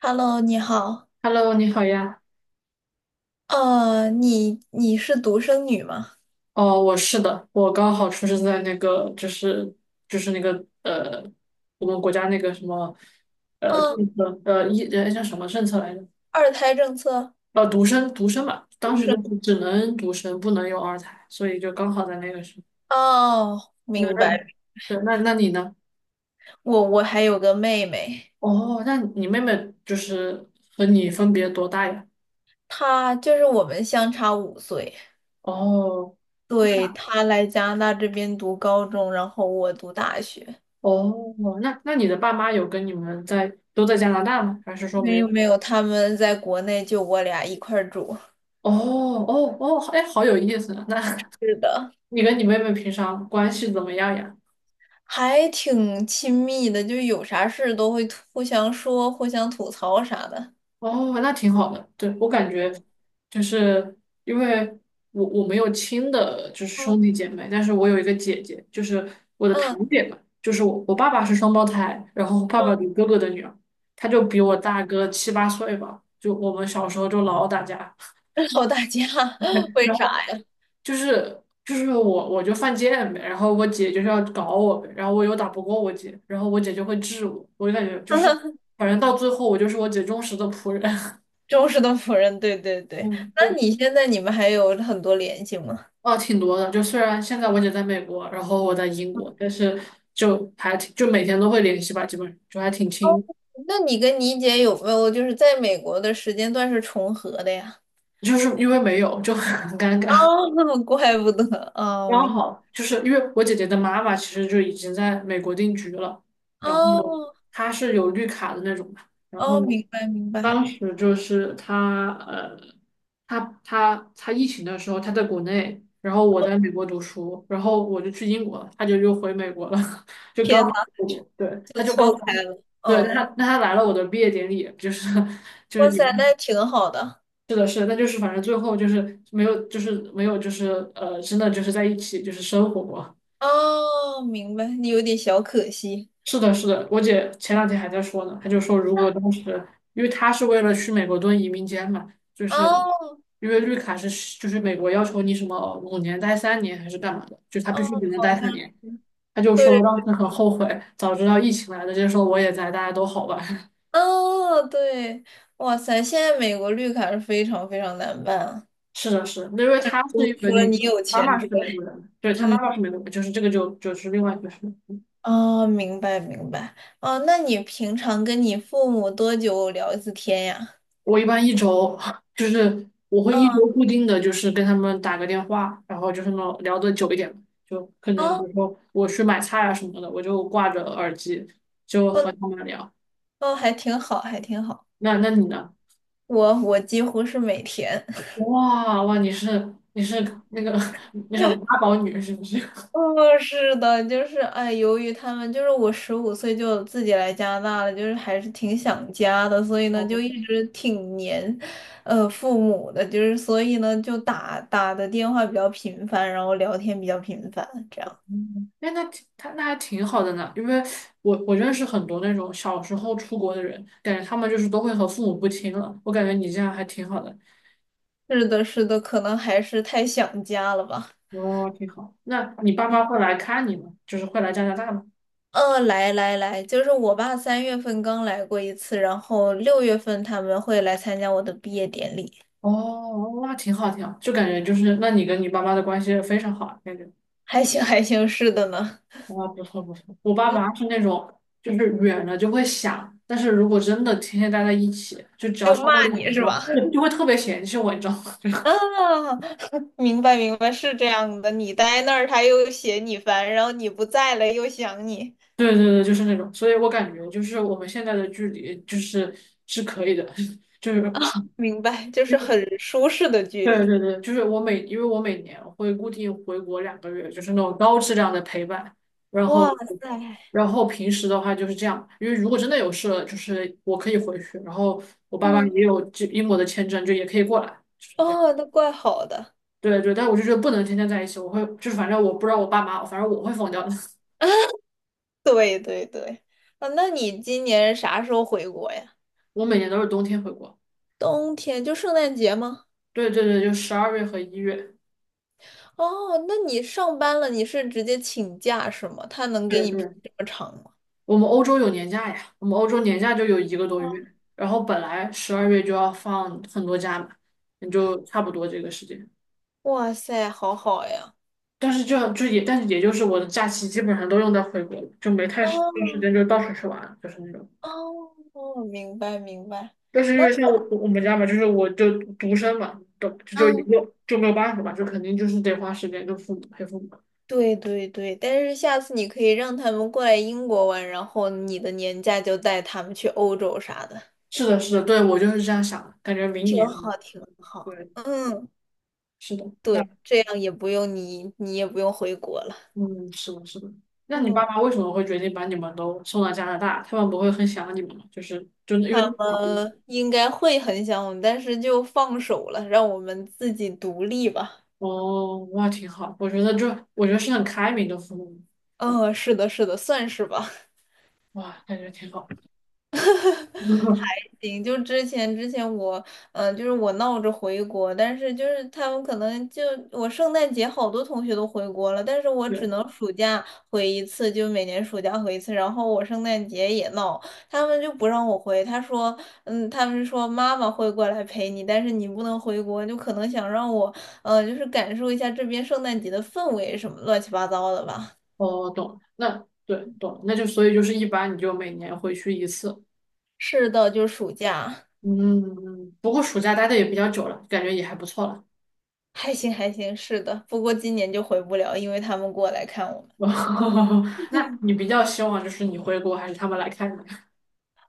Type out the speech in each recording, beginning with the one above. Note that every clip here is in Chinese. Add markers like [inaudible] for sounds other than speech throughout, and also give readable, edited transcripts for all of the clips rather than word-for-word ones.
Hello，你好。Hello，你好呀。你是独生女吗？哦，我是的，我刚好出生在那个，就是那个，我们国家那个什么嗯，政策，一叫什么政策来着？二胎政策，独生嘛，当独时就生。不只能独生，不能有二胎，所以就刚好在那个时候。哦，那明那白。对，那你呢？我还有个妹妹，哦，那你妹妹就是和你分别多大呀？她就是我们相差五岁。哦对，她来加拿大这边读高中，然后我读大学。哦，那你的爸妈有跟你们在都在加拿大吗？还是说没没有有？没有，他们在国内就我俩一块儿住。哦哦哦，哎，好有意思啊！那 是的，[laughs] 你跟你妹妹平常关系怎么样呀？还挺亲密的，就有啥事都会互相说、互相吐槽啥的。哦，那挺好的。对，我感觉就是因为我没有亲的，就是兄嗯弟姐妹，但是我有一个姐姐，就是我的堂嗯。姐嘛，就是我爸爸是双胞胎，然后爸爸有哥哥的女儿，她就比我大个七八岁吧，就我们小时候就老打架，[laughs] 靠大家，[laughs] [laughs] 为然啥后。呀？就是就是我就犯贱呗，然后我姐就是要搞我呗，然后我又打不过我姐，然后我姐就会治我，我就感觉就是 [laughs] 反正到最后我就是我姐忠实的仆人，[laughs] 忠实的仆人，对对对。嗯，那就你现在你们还有很多联系吗？哦挺多的，就虽然现在我姐在美国，然后我在英国，但是就还挺就每天都会联系吧，基本上就还挺亲，那你跟你姐有没有就是在美国的时间段是重合的呀？就是因为没有就很尴哦，尬。[laughs] 那怪不得哦，刚明好就是因为我姐姐的妈妈其实就已经在美国定居了，然后哦她是有绿卡的那种嘛，然后哦，明白明当白。时就是她她疫情的时候她在国内，然后我在美国读书，然后我就去英国了，她就又回美国了，[laughs] 就刚天呐，好对，就她就刚错开好了。对，那哦，她那她来了我的毕业典礼，就是 [laughs] 就是哇你。塞，那挺好的。是的，是的，但就是反正最后就是没有，就是没有，就是真的就是在一起就是生活过。哦，明白，你有点小可惜。是的，是的，我姐前两天还在说呢，她就说如果当时，因为她是为了去美国蹲移民监嘛，就是哦因为绿卡是就是美国要求你什么五年待三年还是干嘛的，就她哦，必须只能好待像三年。是。她就说对。当时很后悔，早知道疫情来了，就说我也在，大家都好吧。[laughs] 哦，对，哇塞，现在美国绿卡是非常非常难办啊。是的，是的，因为她我是因为除了那你个有她钱妈之妈外，是美国人，对，她妈嗯，妈是美国人，就是这个就是另外一回事。哦，明白明白。哦，那你平常跟你父母多久聊一次天呀？我一般一周 [laughs] 就是我会一嗯，周固定的就是跟他们打个电话，然后就是那种聊得久一点，就可能比哦，如说我去买菜啊什么的，我就挂着耳机就哦，和他们聊。哦，还挺好，还挺好。那那你呢？我几乎是每天。哇哇，你是那个 [laughs] 那什么八宝女是不是？[laughs] 哦，是的，就是哎，由于他们就是我15岁就自己来加拿大了，就是还是挺想家的，所以呢就哦，一直挺黏，父母的，就是所以呢就打的电话比较频繁，然后聊天比较频繁，这样。嗯哎，那挺他那还挺好的呢，因为我认识很多那种小时候出国的人，感觉他们就是都会和父母不亲了，我感觉你这样还挺好的。是的，是的，可能还是太想家了吧。哦，挺好。那你爸妈会来看你吗？就是会来加拿大吗？来来来，就是我爸3月份刚来过一次，然后6月份他们会来参加我的毕业典礼，哦，那挺好，挺好，就感觉就是，那你跟你爸妈的关系非常好，感觉还行还行，是的呢，哇，不错不错。我爸妈是那种，就是远了就会想，但是如果真的天天待在一起，就只要就超过骂你两是周，吧？就 [laughs] 会特别嫌弃我，你知道吗？[laughs] 就是啊，明白明白，是这样的。你待那儿，他又嫌你烦，然后你不在了又想你，对对对，就是那种。所以我感觉就是我们现在的距离就是是可以的，[laughs] 就是 明白，就是很舒适的 [laughs] 距对离。对对，就是我每，因为我每年会固定回国2个月，就是那种高质量的陪伴。然后，哇塞，然后平时的话就是这样，因为如果真的有事了，就是我可以回去。然后我爸妈嗯，也有这英国的签证，就也可以过来，就是这样。哦，那怪好的。对对，但我就觉得不能天天在一起，我会就是反正我不知道我爸妈，反正我会疯掉的。[laughs] 对对对，啊，那你今年啥时候回国呀？我每年都是冬天回国。冬天就圣诞节吗？对对对，就十二月和1月。哦，那你上班了，你是直接请假是吗？他能给对你批对。这么长吗？我们欧洲有年假呀，我们欧洲年假就有一个多月，然后本来十二月就要放很多假嘛，也就差不多这个时间。哇塞，好好呀。但是这就也，但是也就是我的假期基本上都用在回国了，就没太哦时有时间就到处去玩了就是那种。哦，明白明白。但是因那。为像我我们家嘛，就是我就独生嘛，都就一嗯。个就没有办法嘛，就肯定就是得花时间跟父母陪父母。对对对，但是下次你可以让他们过来英国玩，然后你的年假就带他们去欧洲啥的，是的，是的，对，我就是这样想的，感觉明挺年，好，挺好。对，嗯，是的，那。对，这样也不用你，你也不用回国了。嗯，是的，是的。那你爸嗯，妈为什么会决定把你们都送到加拿大？他们不会很想你们吗？就是真的，因为他们应该会很想我们，但是就放手了，让我们自己独立吧。哦，哇，挺好。我觉得就我觉得是很开明的父母，嗯，是的，是的，算是吧。哇，感觉挺好。[laughs] 行，就之前我，嗯，就是我闹着回国，但是就是他们可能就我圣诞节好多同学都回国了，但是我只对，能暑假回一次，就每年暑假回一次。然后我圣诞节也闹，他们就不让我回，他说，嗯，他们说妈妈会过来陪你，但是你不能回国，就可能想让我，就是感受一下这边圣诞节的氛围什么乱七八糟的吧。哦，懂了。那对，懂了。那就所以就是一般你就每年回去一次。是的，就是暑假，嗯，不过暑假待的也比较久了，感觉也还不错了。还行还行，是的，不过今年就回不了，因为他们过来看我。[laughs] 那你比较希望就是你回国还是他们来看你？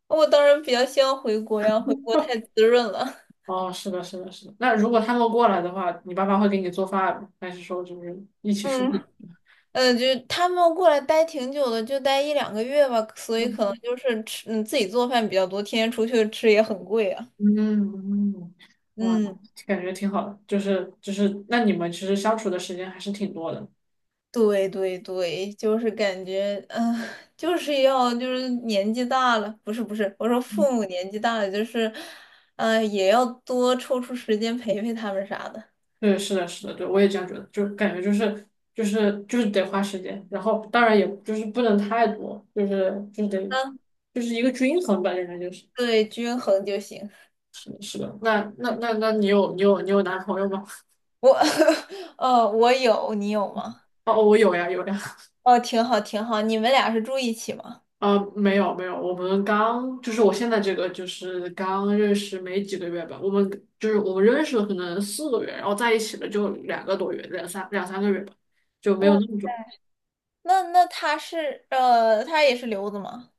我当然比较希望回国呀，回国太滋润了。哦，是的，是的，是的。那如果他们过来的话，你爸妈会给你做饭吗还是说就是一起出去？嗯，[laughs] 就是他们过来待挺久的，就待1到2个月吧，所以可能嗯就是吃，嗯，自己做饭比较多，天天出去吃也很贵啊。嗯，哇，嗯，感觉挺好的，就是就是，那你们其实相处的时间还是挺多的。对对对，就是感觉，嗯、[laughs] 就是要就是年纪大了，不是不是，我说嗯，父母年纪大了，就是，也要多抽出时间陪陪他们啥的。对，是的，是的，对，我也这样觉得，就感觉就是就是得花时间，然后当然也就是不能太多，就是得嗯，就是一个均衡吧，应该就是对，均衡就行。是的，是的。那你有男朋友吗？我，[laughs] 我有，你有吗？哦，我有呀，有呀。哦，挺好，挺好。你们俩是住一起吗？呃，没有没有，我们刚就是我现在这个就是刚认识没几个月吧，我们就是我们认识了可能4个月，然后在一起了就2个多月，两三个月吧，就没有哇，那么久。那那他是他也是留子吗？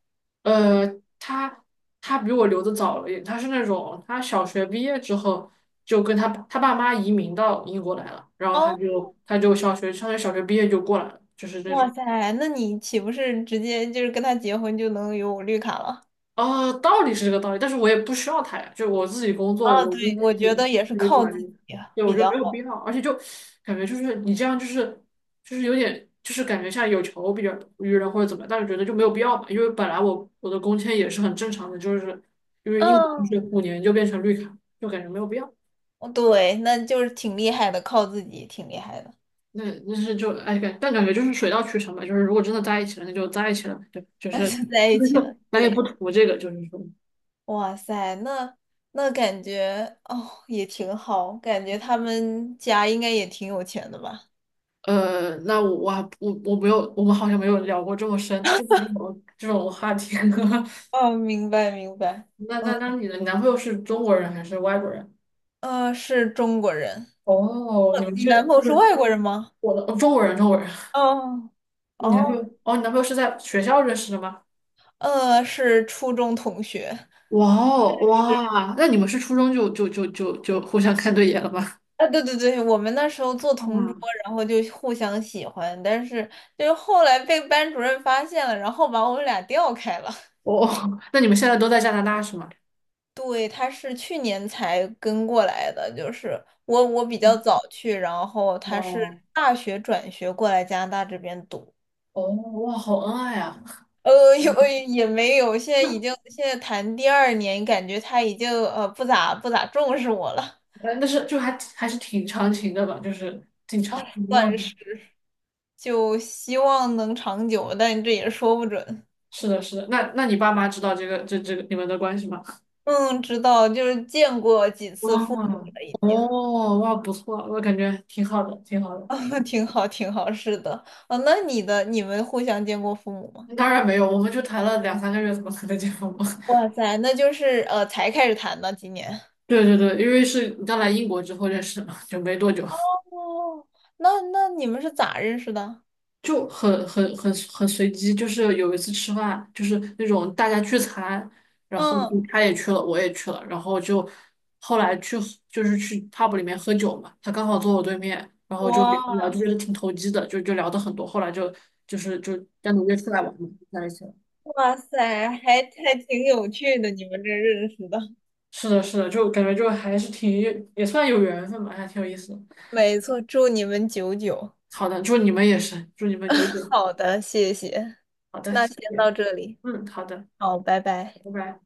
呃，他他比我留的早了一点，他是那种他小学毕业之后就跟他爸妈移民到英国来了，然后他哦，就他就小学毕业就过来了，就是那哇种。塞，那你岂不是直接就是跟他结婚就能有绿卡了？啊，道理是这个道理，但是我也不需要他呀，就我自己工作，啊，我对，应该我也觉是得也是可以靠转自运，己啊对，我比觉得较没有必好。要，而且就感觉就是你这样就是有点就是感觉像有求必于人或者怎么样，但是觉得就没有必要嘛，因为本来我的工签也是很正常的，就是因为英国嗯，就是五年就变成绿卡，就感觉没有必要。哦对，那就是挺厉害的，靠自己挺厉害的，那那是就哎感，但感觉就是水到渠成吧，就是如果真的在一起了，那就在一起了，对，就 [laughs] 是 就在 [laughs] 一起了。就咱也不对，图这个，就是说。哇塞，那那感觉哦也挺好，感觉他们家应该也挺有钱的吧？那我还我没有，我们好像没有聊过这么深这么有这种话题。[laughs] 哦，明白明白。那嗯。那那你的男朋友是中国人还是外国人？是中国人。哦，你们你男是朋友就是是外国人吗？我的中国人，中国人。哦你男朋友哦，哦，你男朋友是在学校认识的吗？是初中同学。哇哦哇，那你们是初中就互相看对眼了吗？[laughs] 啊，对对对，我们那时候做同桌，啊，然后就互相喜欢，但是就是后来被班主任发现了，然后把我们俩调开了。[laughs] 哦，[laughs] 那你们现在都在加拿大是吗？对，他是去年才跟过来的，就是我比较早去，然后他是哇，大学转学过来加拿大这边读。哦哇，好恩爱啊！有也没有，现在已经现在谈第二年，感觉他已经不咋重视我了，但是就还是挺长情的吧，就是经常。算嗯是就希望能长久，但这也说不准。是的，是的。那你爸妈知道这个你们的关系吗？嗯，知道，就是见过几次哇父母了，已经，哦哇，不错，我感觉挺好的，挺好 [laughs] 的。啊，挺好，挺好，是的，啊，那你的你们互相见过父母吗？当然没有，我们就谈了两三个月，怎么可能结婚嘛？哇塞，那就是才开始谈的，今年。[laughs] 对对对，因为是刚来英国之后认识的嘛，就没多久。哦，那那你们是咋认识的？就很随机，就是有一次吃饭，就是那种大家聚餐，然后就嗯，他也去了，我也去了，然后就后来去就是去 pub 里面喝酒嘛，他刚好坐我对面，然后就聊聊，我。就觉得挺投机的，就聊的很多，后来就单独约出来玩嘛，就在一起了。哇塞，还还挺有趣的，你们这认识的。[laughs] 是的，是的，就感觉就还是挺也算有缘分吧，还挺有意思的。没错，祝你们久久。好的，祝你们也是，祝你们九点。好的，谢谢。好的，那谢先谢。到这里，嗯，好的，好，拜拜。拜拜。